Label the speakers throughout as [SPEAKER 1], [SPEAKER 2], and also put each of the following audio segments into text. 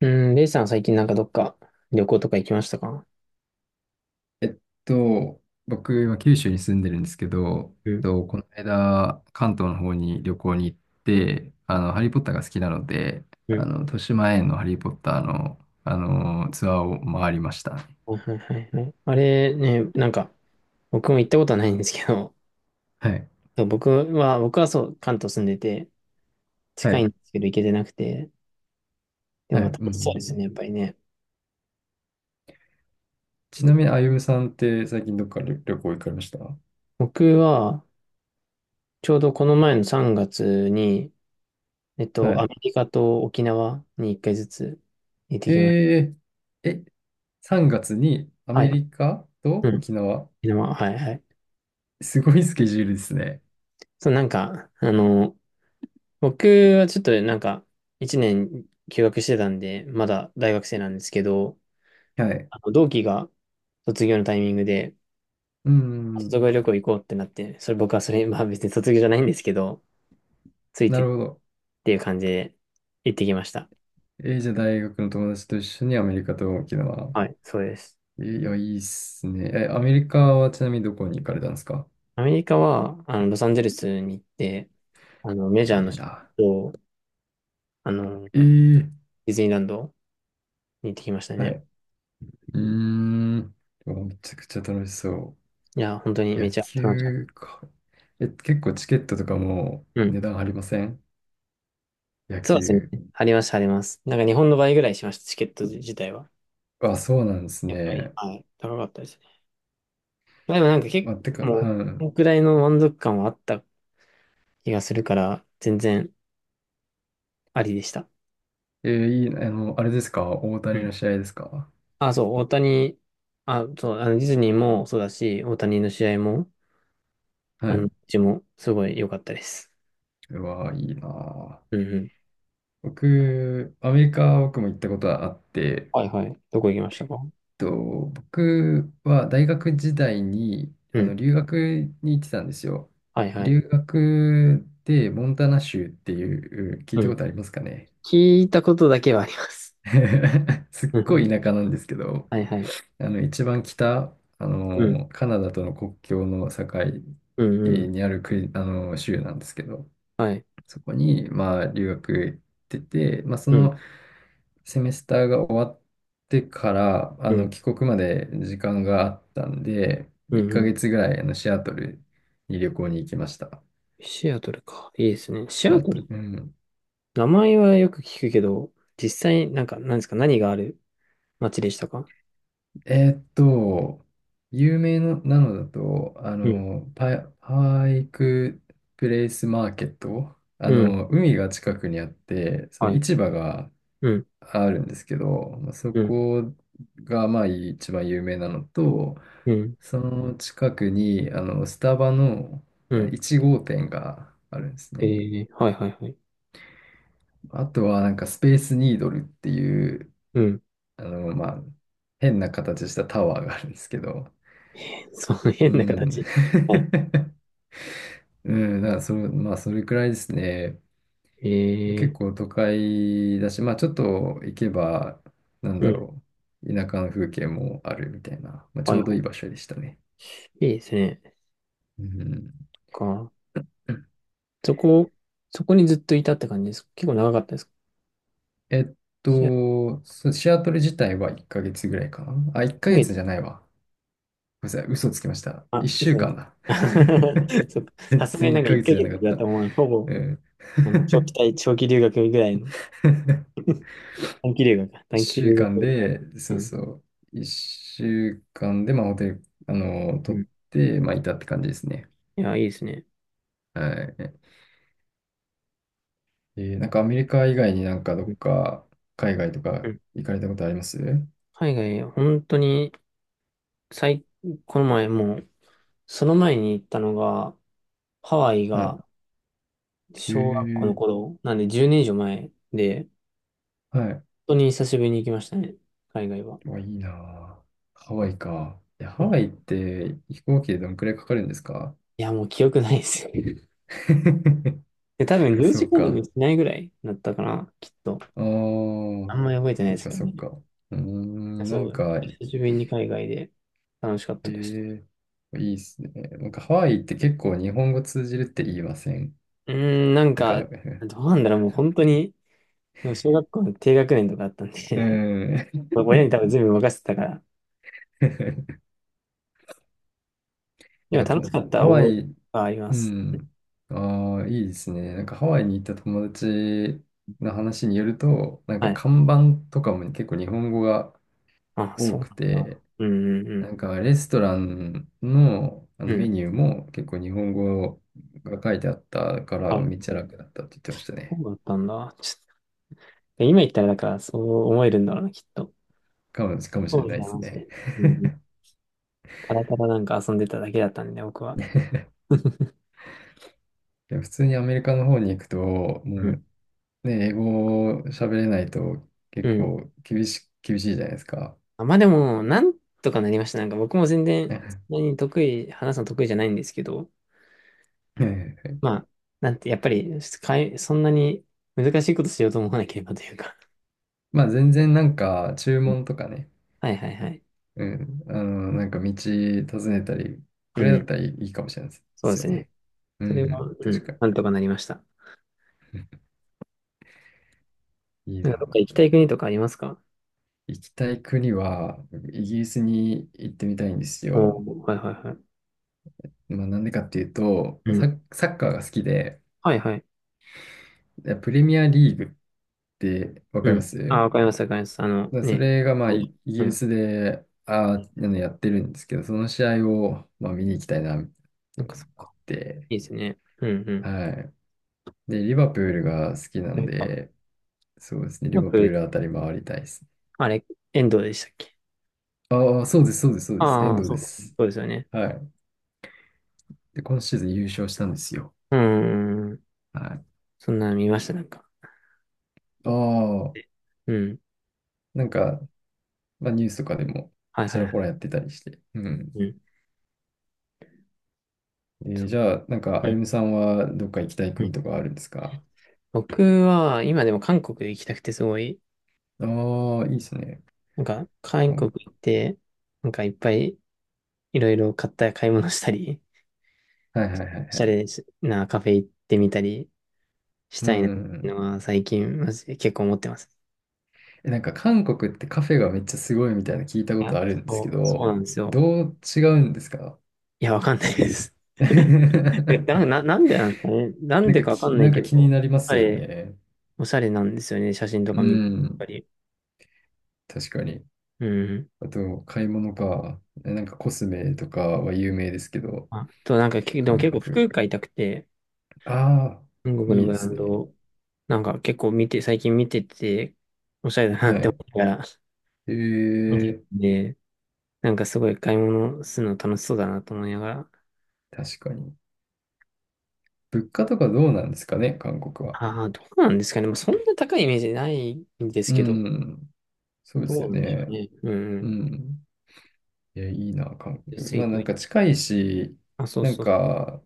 [SPEAKER 1] うん、レイさん最近なんかどっか旅行とか行きましたか？
[SPEAKER 2] えっと、僕、今、九州に住んでるんですけど、
[SPEAKER 1] うん、
[SPEAKER 2] この間、関東の方に旅行に行って、ハリー・ポッターが好きなので、
[SPEAKER 1] うん、
[SPEAKER 2] 豊島園のハリー・ポッターの、ツアーを回りましたね。
[SPEAKER 1] はいはいはいはい。あれね、なんか僕も行ったことはないんですけど、
[SPEAKER 2] はい。
[SPEAKER 1] そう僕はそう、関東住んでて
[SPEAKER 2] は
[SPEAKER 1] 近いん
[SPEAKER 2] い。
[SPEAKER 1] ですけど行けてなくて、で
[SPEAKER 2] は
[SPEAKER 1] もまあ
[SPEAKER 2] い。
[SPEAKER 1] 楽
[SPEAKER 2] う
[SPEAKER 1] しそうで
[SPEAKER 2] んう
[SPEAKER 1] すね、
[SPEAKER 2] ん。
[SPEAKER 1] やっぱりね。
[SPEAKER 2] ちなみに、あゆむさんって最近どっか旅行行かれました？は
[SPEAKER 1] 僕はちょうどこの前の3月に、ア
[SPEAKER 2] い。
[SPEAKER 1] メリカと沖縄に1回ずつ行ってきまし
[SPEAKER 2] えー、え、3月にア
[SPEAKER 1] た。は
[SPEAKER 2] メ
[SPEAKER 1] い。
[SPEAKER 2] リカと
[SPEAKER 1] うん。
[SPEAKER 2] 沖縄。
[SPEAKER 1] 沖縄、はいはい。
[SPEAKER 2] すごいスケジュールですね。
[SPEAKER 1] そう、なんか、僕はちょっとなんか、一年休学してたんで、まだ大学生なんですけど、
[SPEAKER 2] はい。
[SPEAKER 1] あの同期が卒業のタイミングで、
[SPEAKER 2] うんうんうん。
[SPEAKER 1] 卒業旅行行こうってなって、それ、まあ別に卒業じゃないんですけど、つい
[SPEAKER 2] な
[SPEAKER 1] て
[SPEAKER 2] る
[SPEAKER 1] っ
[SPEAKER 2] ほど。
[SPEAKER 1] ていう感じで行ってきました。
[SPEAKER 2] じゃあ大学の友達と一緒にアメリカと沖縄。
[SPEAKER 1] はい、そうです。
[SPEAKER 2] いや、いいっすね。え、アメリカはちなみにどこに行かれたんですか？
[SPEAKER 1] アメリカは、ロサンゼルスに行って、メジ
[SPEAKER 2] あ、
[SPEAKER 1] ャー
[SPEAKER 2] い
[SPEAKER 1] の
[SPEAKER 2] い
[SPEAKER 1] 人
[SPEAKER 2] な。
[SPEAKER 1] と、デ
[SPEAKER 2] えー、
[SPEAKER 1] ィズニーランドに行ってきました
[SPEAKER 2] は
[SPEAKER 1] ね。
[SPEAKER 2] い。うーん。でもめちゃくちゃ楽しそ
[SPEAKER 1] いや、本当に
[SPEAKER 2] う。
[SPEAKER 1] め
[SPEAKER 2] 野
[SPEAKER 1] ちゃ楽しかった。
[SPEAKER 2] 球か。え、結構チケットとかも
[SPEAKER 1] う
[SPEAKER 2] 値
[SPEAKER 1] ん。
[SPEAKER 2] 段張りません？野
[SPEAKER 1] そう
[SPEAKER 2] 球。
[SPEAKER 1] ですね。あります、あります。なんか日本の倍ぐらいしました、チケット自体は。
[SPEAKER 2] あ、そうなんです
[SPEAKER 1] やっぱり、
[SPEAKER 2] ね。
[SPEAKER 1] はい、高かったですね。まあ、でもなんか結
[SPEAKER 2] あ、て
[SPEAKER 1] 構、
[SPEAKER 2] か、
[SPEAKER 1] もう、こ
[SPEAKER 2] は
[SPEAKER 1] のくらいの満足感はあった気がするから、全然ありでした。
[SPEAKER 2] い。いいな、あれですか？大
[SPEAKER 1] う
[SPEAKER 2] 谷
[SPEAKER 1] ん。
[SPEAKER 2] の試合ですか？
[SPEAKER 1] あ、そう、大谷、あ、そう、ディズニーもそうだし、大谷の試合も、
[SPEAKER 2] は
[SPEAKER 1] う
[SPEAKER 2] い。
[SPEAKER 1] ちもすごい良かったです。
[SPEAKER 2] うわー、いいなー。
[SPEAKER 1] うんうん。
[SPEAKER 2] 僕、アメリカ、僕も行ったことはあって、
[SPEAKER 1] はいはい。どこ行きましたか？
[SPEAKER 2] 僕は大学時代に
[SPEAKER 1] うん。
[SPEAKER 2] 留学に行ってたんですよ。
[SPEAKER 1] はいはい。
[SPEAKER 2] 留学でモンタナ州っていう、聞い
[SPEAKER 1] う
[SPEAKER 2] たこ
[SPEAKER 1] ん。
[SPEAKER 2] とありますかね？
[SPEAKER 1] 聞いたことだけはあります。
[SPEAKER 2] すっ
[SPEAKER 1] うんう
[SPEAKER 2] ごい
[SPEAKER 1] ん。
[SPEAKER 2] 田舎なんですけど、
[SPEAKER 1] はいはい。
[SPEAKER 2] 一番北、
[SPEAKER 1] うん。
[SPEAKER 2] カナダとの国境の境
[SPEAKER 1] うんうん。
[SPEAKER 2] にある国、州なんですけど、
[SPEAKER 1] はい。
[SPEAKER 2] そこに、まあ、留学行ってて、まあ、そ
[SPEAKER 1] うん。
[SPEAKER 2] のセメスターが終わってから、
[SPEAKER 1] うん。
[SPEAKER 2] 帰国まで時間があったんで、
[SPEAKER 1] う
[SPEAKER 2] 1
[SPEAKER 1] んう
[SPEAKER 2] ヶ
[SPEAKER 1] ん
[SPEAKER 2] 月ぐらい、シアトルに旅行に行きました。
[SPEAKER 1] シアトルか。いいですね。シ
[SPEAKER 2] シ
[SPEAKER 1] ア
[SPEAKER 2] ア
[SPEAKER 1] ト
[SPEAKER 2] トル、
[SPEAKER 1] ル、
[SPEAKER 2] うん。
[SPEAKER 1] 名前はよく聞くけど、実際、なんか、なんですか、何がある街でしたか
[SPEAKER 2] えーっと、有名のなのだと、
[SPEAKER 1] うん
[SPEAKER 2] パイクプレイスマーケット、
[SPEAKER 1] うん。
[SPEAKER 2] 海が近くにあって、その
[SPEAKER 1] はい。
[SPEAKER 2] 市場が
[SPEAKER 1] うん。
[SPEAKER 2] あるんですけど、まあ、そ
[SPEAKER 1] うん。
[SPEAKER 2] こがまあ一番有名なのと、
[SPEAKER 1] うん。
[SPEAKER 2] その近くにスタバの
[SPEAKER 1] う
[SPEAKER 2] まあ
[SPEAKER 1] ん。
[SPEAKER 2] 1号店があるんですね。
[SPEAKER 1] はいはいはい。
[SPEAKER 2] あとはなんかスペースニードルっていう、
[SPEAKER 1] うん。
[SPEAKER 2] まあ変な形したタワーがあるんですけど、
[SPEAKER 1] その変
[SPEAKER 2] う
[SPEAKER 1] な
[SPEAKER 2] ん。
[SPEAKER 1] 形。は
[SPEAKER 2] うん、だからそれ、まあそれくらいですね。
[SPEAKER 1] い。
[SPEAKER 2] 結
[SPEAKER 1] え
[SPEAKER 2] 構都会だし、まあちょっと行けば、なん
[SPEAKER 1] ー、う
[SPEAKER 2] だ
[SPEAKER 1] ん。
[SPEAKER 2] ろう、田舎の風景もあるみたいな、まあ、ち
[SPEAKER 1] は
[SPEAKER 2] ょ
[SPEAKER 1] い
[SPEAKER 2] うどい
[SPEAKER 1] は
[SPEAKER 2] い場所でしたね。
[SPEAKER 1] い。いいですね。
[SPEAKER 2] うん、
[SPEAKER 1] か。そこ、そこにずっといたって感じですか？結構長かったですか？
[SPEAKER 2] えっ
[SPEAKER 1] シアト
[SPEAKER 2] シアトル自体は1ヶ月ぐらいかな。あ、1ヶ
[SPEAKER 1] ル。
[SPEAKER 2] 月じゃないわ。ごめんなさい、嘘つきました。
[SPEAKER 1] あ、
[SPEAKER 2] 1週
[SPEAKER 1] 嘘。
[SPEAKER 2] 間だ。
[SPEAKER 1] そっか。さ
[SPEAKER 2] 全
[SPEAKER 1] すがに
[SPEAKER 2] 然
[SPEAKER 1] な
[SPEAKER 2] 1
[SPEAKER 1] んか1
[SPEAKER 2] ヶ月じゃ
[SPEAKER 1] ヶ
[SPEAKER 2] なか
[SPEAKER 1] 月
[SPEAKER 2] っ
[SPEAKER 1] だ
[SPEAKER 2] た。
[SPEAKER 1] と思う。ほぼ、
[SPEAKER 2] うん。
[SPEAKER 1] なんか長期留学ぐらいの。短期留学か。短期
[SPEAKER 2] 1週
[SPEAKER 1] 留学
[SPEAKER 2] 間
[SPEAKER 1] みたいな。
[SPEAKER 2] で、そ
[SPEAKER 1] う
[SPEAKER 2] う
[SPEAKER 1] ん。
[SPEAKER 2] そう、1週間で、まあホテル、
[SPEAKER 1] う
[SPEAKER 2] 取
[SPEAKER 1] ん。
[SPEAKER 2] っ
[SPEAKER 1] い
[SPEAKER 2] て、まあいたって感じですね。
[SPEAKER 1] や、いいですね。
[SPEAKER 2] はい。なんかアメリカ以外になんかど
[SPEAKER 1] うん。
[SPEAKER 2] っか海外と
[SPEAKER 1] う
[SPEAKER 2] か
[SPEAKER 1] ん。
[SPEAKER 2] 行かれたことあります？
[SPEAKER 1] 海外、本当に、最、この前もう、その前に行ったのが、ハワイ
[SPEAKER 2] はい。
[SPEAKER 1] が
[SPEAKER 2] え
[SPEAKER 1] 小学校の
[SPEAKER 2] ー、
[SPEAKER 1] 頃、なんで10年以上前で、
[SPEAKER 2] はい。
[SPEAKER 1] 本当に久しぶりに行きましたね。海外は。
[SPEAKER 2] うわ、いいなぁ。ハワイか。いや、
[SPEAKER 1] う
[SPEAKER 2] ハ
[SPEAKER 1] ん。い
[SPEAKER 2] ワイって飛行機でどのくらいかかるんですか？
[SPEAKER 1] や、もう記憶ないですよ。で、多分
[SPEAKER 2] あ、
[SPEAKER 1] 10
[SPEAKER 2] そ
[SPEAKER 1] 時
[SPEAKER 2] う
[SPEAKER 1] 間も
[SPEAKER 2] か。
[SPEAKER 1] しないぐらいだったかな、きっと。
[SPEAKER 2] ああ、
[SPEAKER 1] あんまり覚えてない
[SPEAKER 2] そ
[SPEAKER 1] で
[SPEAKER 2] う
[SPEAKER 1] す
[SPEAKER 2] か、
[SPEAKER 1] けど
[SPEAKER 2] そう
[SPEAKER 1] ね。
[SPEAKER 2] か。うーん、なん
[SPEAKER 1] そう。
[SPEAKER 2] か、
[SPEAKER 1] 久しぶりに海外で楽しかっ
[SPEAKER 2] え
[SPEAKER 1] たです。
[SPEAKER 2] ー、いいっすね。なんかハワイって結構日本語通じるって言いません？
[SPEAKER 1] うーん、なん
[SPEAKER 2] なんか、
[SPEAKER 1] か、
[SPEAKER 2] う
[SPEAKER 1] どうなんだろう、もう本当に、でも小学校の低学年とかだったん
[SPEAKER 2] ー
[SPEAKER 1] で
[SPEAKER 2] ん。
[SPEAKER 1] 親に多分全部任せてたから、でも
[SPEAKER 2] なんか
[SPEAKER 1] 楽し
[SPEAKER 2] と、
[SPEAKER 1] かった
[SPEAKER 2] ハワ
[SPEAKER 1] 覚え
[SPEAKER 2] イ。
[SPEAKER 1] がありま
[SPEAKER 2] う
[SPEAKER 1] す。
[SPEAKER 2] ん。ああ、いいですね。なんかハワイに行った友達の話によると、なん
[SPEAKER 1] は
[SPEAKER 2] か
[SPEAKER 1] い。
[SPEAKER 2] 看板とかも結構日本語が
[SPEAKER 1] あ、そ
[SPEAKER 2] 多
[SPEAKER 1] う
[SPEAKER 2] く
[SPEAKER 1] なんだ。
[SPEAKER 2] て、
[SPEAKER 1] うんう
[SPEAKER 2] な
[SPEAKER 1] ん
[SPEAKER 2] んかレストランの、
[SPEAKER 1] うん。う
[SPEAKER 2] メ
[SPEAKER 1] ん。
[SPEAKER 2] ニューも結構日本語が書いてあったから
[SPEAKER 1] あ、
[SPEAKER 2] めっちゃ楽だったって言ってました
[SPEAKER 1] そ
[SPEAKER 2] ね。
[SPEAKER 1] うだったんだ。ちょっと今言ったら、だから、そう思えるんだろうな、きっと。
[SPEAKER 2] かもし
[SPEAKER 1] そう
[SPEAKER 2] れ
[SPEAKER 1] で
[SPEAKER 2] な
[SPEAKER 1] す
[SPEAKER 2] いで
[SPEAKER 1] ね、
[SPEAKER 2] す
[SPEAKER 1] マジ
[SPEAKER 2] ね。
[SPEAKER 1] で。うん。ただただなんか遊んでただけだったんで、僕は。
[SPEAKER 2] でも普通にアメリカの方に行くと、もう
[SPEAKER 1] うん。
[SPEAKER 2] ね、英語喋れないと
[SPEAKER 1] う
[SPEAKER 2] 結
[SPEAKER 1] ん。
[SPEAKER 2] 構厳しいじゃないですか。
[SPEAKER 1] あ、まあでも、なんとかなりました。なんか僕も全 然、そ
[SPEAKER 2] ね。
[SPEAKER 1] んなに得意、話すの得意じゃないんですけど、まあ、なんて、やっぱり、そんなに難しいことしようと思わなければというか。
[SPEAKER 2] まあ全然なんか注
[SPEAKER 1] うん。
[SPEAKER 2] 文とかね、
[SPEAKER 1] はいはいはい。
[SPEAKER 2] うん、なんか道訪ねたり
[SPEAKER 1] う
[SPEAKER 2] ぐらいだっ
[SPEAKER 1] ん。
[SPEAKER 2] たらいいかもしれないで
[SPEAKER 1] そうで
[SPEAKER 2] す
[SPEAKER 1] す
[SPEAKER 2] よ
[SPEAKER 1] ね。
[SPEAKER 2] ね。うん、
[SPEAKER 1] それ
[SPEAKER 2] う
[SPEAKER 1] は、
[SPEAKER 2] ん、
[SPEAKER 1] う
[SPEAKER 2] 確か
[SPEAKER 1] ん、
[SPEAKER 2] に。
[SPEAKER 1] なんとかなりました。
[SPEAKER 2] うん。いい
[SPEAKER 1] なんかど
[SPEAKER 2] な。
[SPEAKER 1] っか行きたい国とかありますか？
[SPEAKER 2] 行きたい国は、イギリスに行ってみたいんです
[SPEAKER 1] お
[SPEAKER 2] よ。
[SPEAKER 1] おー、はいはいはい。
[SPEAKER 2] まあなんでかっていうと、
[SPEAKER 1] う
[SPEAKER 2] まあ
[SPEAKER 1] ん。
[SPEAKER 2] サッカーが好きで、
[SPEAKER 1] はいはい。
[SPEAKER 2] プレミアリーグってわか
[SPEAKER 1] う
[SPEAKER 2] り
[SPEAKER 1] ん。
[SPEAKER 2] ます？
[SPEAKER 1] あ、わかりますわかります。あの、
[SPEAKER 2] まあそ
[SPEAKER 1] ね。
[SPEAKER 2] れがまあイイギ
[SPEAKER 1] う
[SPEAKER 2] リ
[SPEAKER 1] ん。
[SPEAKER 2] スで、やってるんですけど、その試合をまあ見に行きたいな、って
[SPEAKER 1] な
[SPEAKER 2] い
[SPEAKER 1] んか
[SPEAKER 2] う
[SPEAKER 1] そ
[SPEAKER 2] の
[SPEAKER 1] っ
[SPEAKER 2] があっ
[SPEAKER 1] か。
[SPEAKER 2] て、
[SPEAKER 1] いいですね。うんうん。
[SPEAKER 2] はい。で、リバプールが好きな
[SPEAKER 1] あ
[SPEAKER 2] ん
[SPEAKER 1] れか。
[SPEAKER 2] で、そうですね、リ
[SPEAKER 1] やっ
[SPEAKER 2] バ
[SPEAKER 1] ぱ
[SPEAKER 2] プールあたり回りたいですね。
[SPEAKER 1] あれ、遠藤でしたっけ？
[SPEAKER 2] ああ、そうです、そうです、そうです、
[SPEAKER 1] あ
[SPEAKER 2] 遠
[SPEAKER 1] あー、
[SPEAKER 2] 藤
[SPEAKER 1] そ
[SPEAKER 2] で
[SPEAKER 1] うか。
[SPEAKER 2] す。
[SPEAKER 1] そうですよね。
[SPEAKER 2] はい。で、今シーズン優勝したんですよ。
[SPEAKER 1] うーん。
[SPEAKER 2] はい。
[SPEAKER 1] そんなの見ました、なんか。
[SPEAKER 2] ああ、
[SPEAKER 1] うん。
[SPEAKER 2] なんか、まあ、ニュースとかでも
[SPEAKER 1] はい
[SPEAKER 2] ち
[SPEAKER 1] はい
[SPEAKER 2] ら
[SPEAKER 1] は
[SPEAKER 2] ほ
[SPEAKER 1] い。
[SPEAKER 2] らやってたりして。う
[SPEAKER 1] う
[SPEAKER 2] ん。
[SPEAKER 1] ん。
[SPEAKER 2] じゃあ、なんか、
[SPEAKER 1] う
[SPEAKER 2] あゆ
[SPEAKER 1] ん。
[SPEAKER 2] むさんはどっか行きたい
[SPEAKER 1] うん。
[SPEAKER 2] 国とかあるんですか？
[SPEAKER 1] 僕は、今でも韓国行きたくてすごい、
[SPEAKER 2] ああ、いいですね。
[SPEAKER 1] なんか、韓
[SPEAKER 2] か
[SPEAKER 1] 国
[SPEAKER 2] ん
[SPEAKER 1] 行って、なんかいっぱいいろいろ買い物したり、
[SPEAKER 2] はいはいはい
[SPEAKER 1] お
[SPEAKER 2] は
[SPEAKER 1] しゃ
[SPEAKER 2] い。
[SPEAKER 1] れなカフェ行ってみたりし
[SPEAKER 2] う
[SPEAKER 1] たい
[SPEAKER 2] ん
[SPEAKER 1] な
[SPEAKER 2] う
[SPEAKER 1] ってい
[SPEAKER 2] んう
[SPEAKER 1] う
[SPEAKER 2] ん。
[SPEAKER 1] のは最近、マジで結構思ってます。
[SPEAKER 2] え、なんか韓国ってカフェがめっちゃすごいみたいな聞いた
[SPEAKER 1] い
[SPEAKER 2] こと
[SPEAKER 1] や、
[SPEAKER 2] あるんですけ
[SPEAKER 1] そうな
[SPEAKER 2] ど、
[SPEAKER 1] んですよ。
[SPEAKER 2] どう違うんですか？
[SPEAKER 1] いや、わかんないです。え、なんでなんですかね。なん
[SPEAKER 2] なん
[SPEAKER 1] で
[SPEAKER 2] か
[SPEAKER 1] かわか
[SPEAKER 2] き、
[SPEAKER 1] んな
[SPEAKER 2] な
[SPEAKER 1] い
[SPEAKER 2] ん
[SPEAKER 1] け
[SPEAKER 2] か
[SPEAKER 1] ど、
[SPEAKER 2] 気に
[SPEAKER 1] し
[SPEAKER 2] なりま
[SPEAKER 1] ゃ
[SPEAKER 2] すよ
[SPEAKER 1] れ、
[SPEAKER 2] ね。
[SPEAKER 1] おしゃれなんですよね。写真と
[SPEAKER 2] う
[SPEAKER 1] か見ると。やっぱ
[SPEAKER 2] ん、
[SPEAKER 1] り。
[SPEAKER 2] 確かに。
[SPEAKER 1] うん。
[SPEAKER 2] あと、買い物か。なんかコスメとかは有名ですけど、
[SPEAKER 1] あと、なんか、でも
[SPEAKER 2] 韓
[SPEAKER 1] 結構
[SPEAKER 2] 国。
[SPEAKER 1] 服買いたくて、
[SPEAKER 2] ああ、
[SPEAKER 1] 韓国
[SPEAKER 2] い
[SPEAKER 1] の
[SPEAKER 2] い
[SPEAKER 1] ブ
[SPEAKER 2] で
[SPEAKER 1] ラ
[SPEAKER 2] す
[SPEAKER 1] ン
[SPEAKER 2] ね。
[SPEAKER 1] ド、なんか結構見て、最近見てて、おしゃれだな
[SPEAKER 2] は
[SPEAKER 1] って思
[SPEAKER 2] い。
[SPEAKER 1] ったら、
[SPEAKER 2] え
[SPEAKER 1] 見て
[SPEAKER 2] え、
[SPEAKER 1] てなんかすごい買い物するの楽しそうだなと思いながら、
[SPEAKER 2] 確かに。物価とかどうなんですかね、韓国は。
[SPEAKER 1] ああ、どうなんですかね。まあ、そんな高いイメージないんです
[SPEAKER 2] う
[SPEAKER 1] けど、
[SPEAKER 2] ん、そうです
[SPEAKER 1] ど
[SPEAKER 2] よ
[SPEAKER 1] うなんでしょう
[SPEAKER 2] ね。
[SPEAKER 1] ね。うんう
[SPEAKER 2] う
[SPEAKER 1] ん。
[SPEAKER 2] ん。いや、いいな、韓国。
[SPEAKER 1] 安
[SPEAKER 2] ま
[SPEAKER 1] い
[SPEAKER 2] あ、
[SPEAKER 1] と
[SPEAKER 2] な
[SPEAKER 1] い
[SPEAKER 2] ん
[SPEAKER 1] い。
[SPEAKER 2] か近いし、
[SPEAKER 1] あ、そう
[SPEAKER 2] なん
[SPEAKER 1] そうそう。
[SPEAKER 2] か、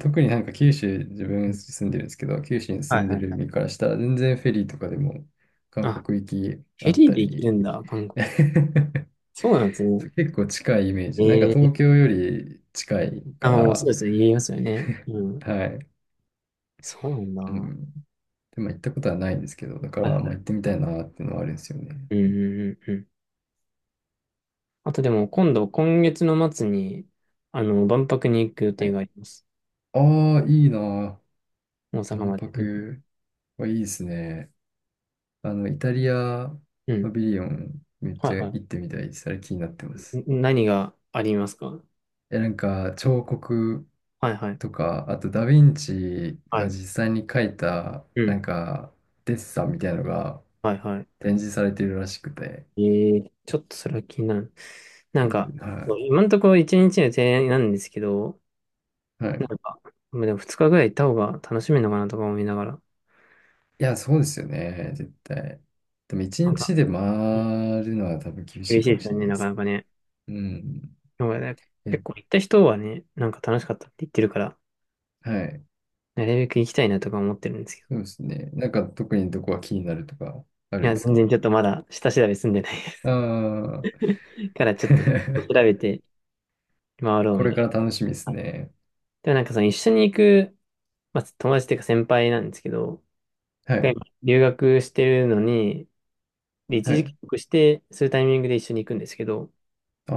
[SPEAKER 2] 特になんか九州、自
[SPEAKER 1] う
[SPEAKER 2] 分
[SPEAKER 1] ん。
[SPEAKER 2] 住んでるんですけど、九州に
[SPEAKER 1] は
[SPEAKER 2] 住
[SPEAKER 1] い
[SPEAKER 2] ん
[SPEAKER 1] は
[SPEAKER 2] で
[SPEAKER 1] い。
[SPEAKER 2] る身からしたら、全然フェリーとかでも韓
[SPEAKER 1] あ、
[SPEAKER 2] 国行き
[SPEAKER 1] フ
[SPEAKER 2] あ
[SPEAKER 1] ェ
[SPEAKER 2] っ
[SPEAKER 1] リー
[SPEAKER 2] た
[SPEAKER 1] で行ける
[SPEAKER 2] り、
[SPEAKER 1] んだ、韓国。そうなんですね。
[SPEAKER 2] 結構近いイメージ。なん
[SPEAKER 1] え
[SPEAKER 2] か
[SPEAKER 1] えー、
[SPEAKER 2] 東京より近い
[SPEAKER 1] あ、
[SPEAKER 2] か
[SPEAKER 1] もうそう
[SPEAKER 2] ら、
[SPEAKER 1] ですね。言いますよね。うん。
[SPEAKER 2] はい。
[SPEAKER 1] そう
[SPEAKER 2] う
[SPEAKER 1] なんだ。
[SPEAKER 2] ん。でも行ったことはないんですけど、だか
[SPEAKER 1] はいは
[SPEAKER 2] ら、
[SPEAKER 1] い
[SPEAKER 2] まあ行ってみた
[SPEAKER 1] はい。
[SPEAKER 2] いなっていうのはあるんですよね。
[SPEAKER 1] うんうんうんうん。あとでも今度、今月の末に、万博に行く予
[SPEAKER 2] は
[SPEAKER 1] 定
[SPEAKER 2] い。
[SPEAKER 1] があります。
[SPEAKER 2] ああ、いいな。
[SPEAKER 1] 大阪
[SPEAKER 2] 万
[SPEAKER 1] まで。うん。
[SPEAKER 2] 博はいいですね。イタリア
[SPEAKER 1] う
[SPEAKER 2] パ
[SPEAKER 1] ん。
[SPEAKER 2] ビリオンめっ
[SPEAKER 1] は
[SPEAKER 2] ち
[SPEAKER 1] い
[SPEAKER 2] ゃ
[SPEAKER 1] は
[SPEAKER 2] 行ってみたいです。あれ気になってま
[SPEAKER 1] い。
[SPEAKER 2] す。
[SPEAKER 1] 何がありますか？は
[SPEAKER 2] なんか彫刻
[SPEAKER 1] いはい。
[SPEAKER 2] とか、あとダヴィンチ
[SPEAKER 1] は
[SPEAKER 2] が
[SPEAKER 1] い。
[SPEAKER 2] 実際に描いた、
[SPEAKER 1] う
[SPEAKER 2] な
[SPEAKER 1] ん。
[SPEAKER 2] んかデッサンみたいなのが
[SPEAKER 1] はいは
[SPEAKER 2] 展示されてるらしくて。
[SPEAKER 1] い。ちょっとそれは気になる。なん
[SPEAKER 2] う
[SPEAKER 1] か、
[SPEAKER 2] ん、
[SPEAKER 1] そ
[SPEAKER 2] は
[SPEAKER 1] う今のところ一日の提案なんですけど、
[SPEAKER 2] い。は
[SPEAKER 1] な
[SPEAKER 2] い。
[SPEAKER 1] んか、まあでも二日ぐらい行った方が楽しめるのかなとか思いながら。
[SPEAKER 2] いや、そうですよね。絶対。でも一
[SPEAKER 1] なんか、
[SPEAKER 2] 日で回
[SPEAKER 1] うん。
[SPEAKER 2] るのは多分厳し
[SPEAKER 1] 厳
[SPEAKER 2] い
[SPEAKER 1] し
[SPEAKER 2] か
[SPEAKER 1] い
[SPEAKER 2] も
[SPEAKER 1] です
[SPEAKER 2] し
[SPEAKER 1] よ
[SPEAKER 2] れ
[SPEAKER 1] ね、
[SPEAKER 2] ないで
[SPEAKER 1] なかな
[SPEAKER 2] す
[SPEAKER 1] かね。
[SPEAKER 2] ね。うん。
[SPEAKER 1] でもね
[SPEAKER 2] え、
[SPEAKER 1] 結構行った人はね、なんか楽しかったって言ってるから、
[SPEAKER 2] はい。
[SPEAKER 1] なるべく行きたいなとか思ってるんですけど、
[SPEAKER 2] そうですね。なんか特にどこが気になるとかあ
[SPEAKER 1] い
[SPEAKER 2] るん
[SPEAKER 1] や、
[SPEAKER 2] です
[SPEAKER 1] 全然
[SPEAKER 2] か？
[SPEAKER 1] ちょっとまだ下調べ済んでない
[SPEAKER 2] ああ
[SPEAKER 1] から
[SPEAKER 2] ー。
[SPEAKER 1] ちょっと調 べて回ろう
[SPEAKER 2] こ
[SPEAKER 1] み
[SPEAKER 2] れ
[SPEAKER 1] たい
[SPEAKER 2] か
[SPEAKER 1] な。
[SPEAKER 2] ら楽しみですね。
[SPEAKER 1] でもなんかその一緒に行く、まあ、友達っていうか先輩なんですけど、
[SPEAKER 2] は
[SPEAKER 1] が
[SPEAKER 2] い。
[SPEAKER 1] 今留学してるのに、で、一
[SPEAKER 2] は
[SPEAKER 1] 時帰
[SPEAKER 2] い。
[SPEAKER 1] 国して、そういうタイミングで一緒に行くんですけど、
[SPEAKER 2] ああ、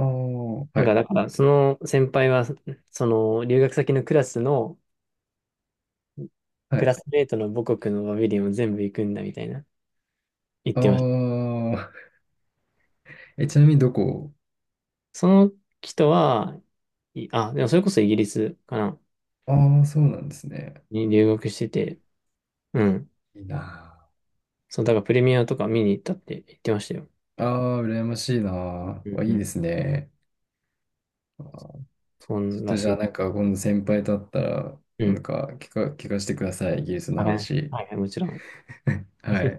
[SPEAKER 1] な
[SPEAKER 2] は
[SPEAKER 1] んか
[SPEAKER 2] い。
[SPEAKER 1] だからその先輩は、その留学先のクラスの、
[SPEAKER 2] は
[SPEAKER 1] クラ
[SPEAKER 2] い。
[SPEAKER 1] スメートの母国のバビリオンを全部行くんだみたいな言ってました。
[SPEAKER 2] ああ、ちなみにどこ。
[SPEAKER 1] その人は、いあ、でもそれこそイギリスかな、
[SPEAKER 2] ああー、そうなんですね。
[SPEAKER 1] に留学してて、うん。
[SPEAKER 2] いいな
[SPEAKER 1] そう、だからプレミアとか見に行ったって言ってましたよ。
[SPEAKER 2] あ。ああ、羨ましいなあ。
[SPEAKER 1] うんう
[SPEAKER 2] いいで
[SPEAKER 1] ん。
[SPEAKER 2] すね。あー
[SPEAKER 1] そ
[SPEAKER 2] ちょ
[SPEAKER 1] ん
[SPEAKER 2] っ
[SPEAKER 1] ら
[SPEAKER 2] とじゃ
[SPEAKER 1] し
[SPEAKER 2] あ、
[SPEAKER 1] い。
[SPEAKER 2] なんか、今度先輩と会ったら、
[SPEAKER 1] う
[SPEAKER 2] な
[SPEAKER 1] ん。
[SPEAKER 2] んか聞かせてください。イギリス
[SPEAKER 1] あ
[SPEAKER 2] の
[SPEAKER 1] れ、
[SPEAKER 2] 話。
[SPEAKER 1] はいはい、もちろん。
[SPEAKER 2] は い。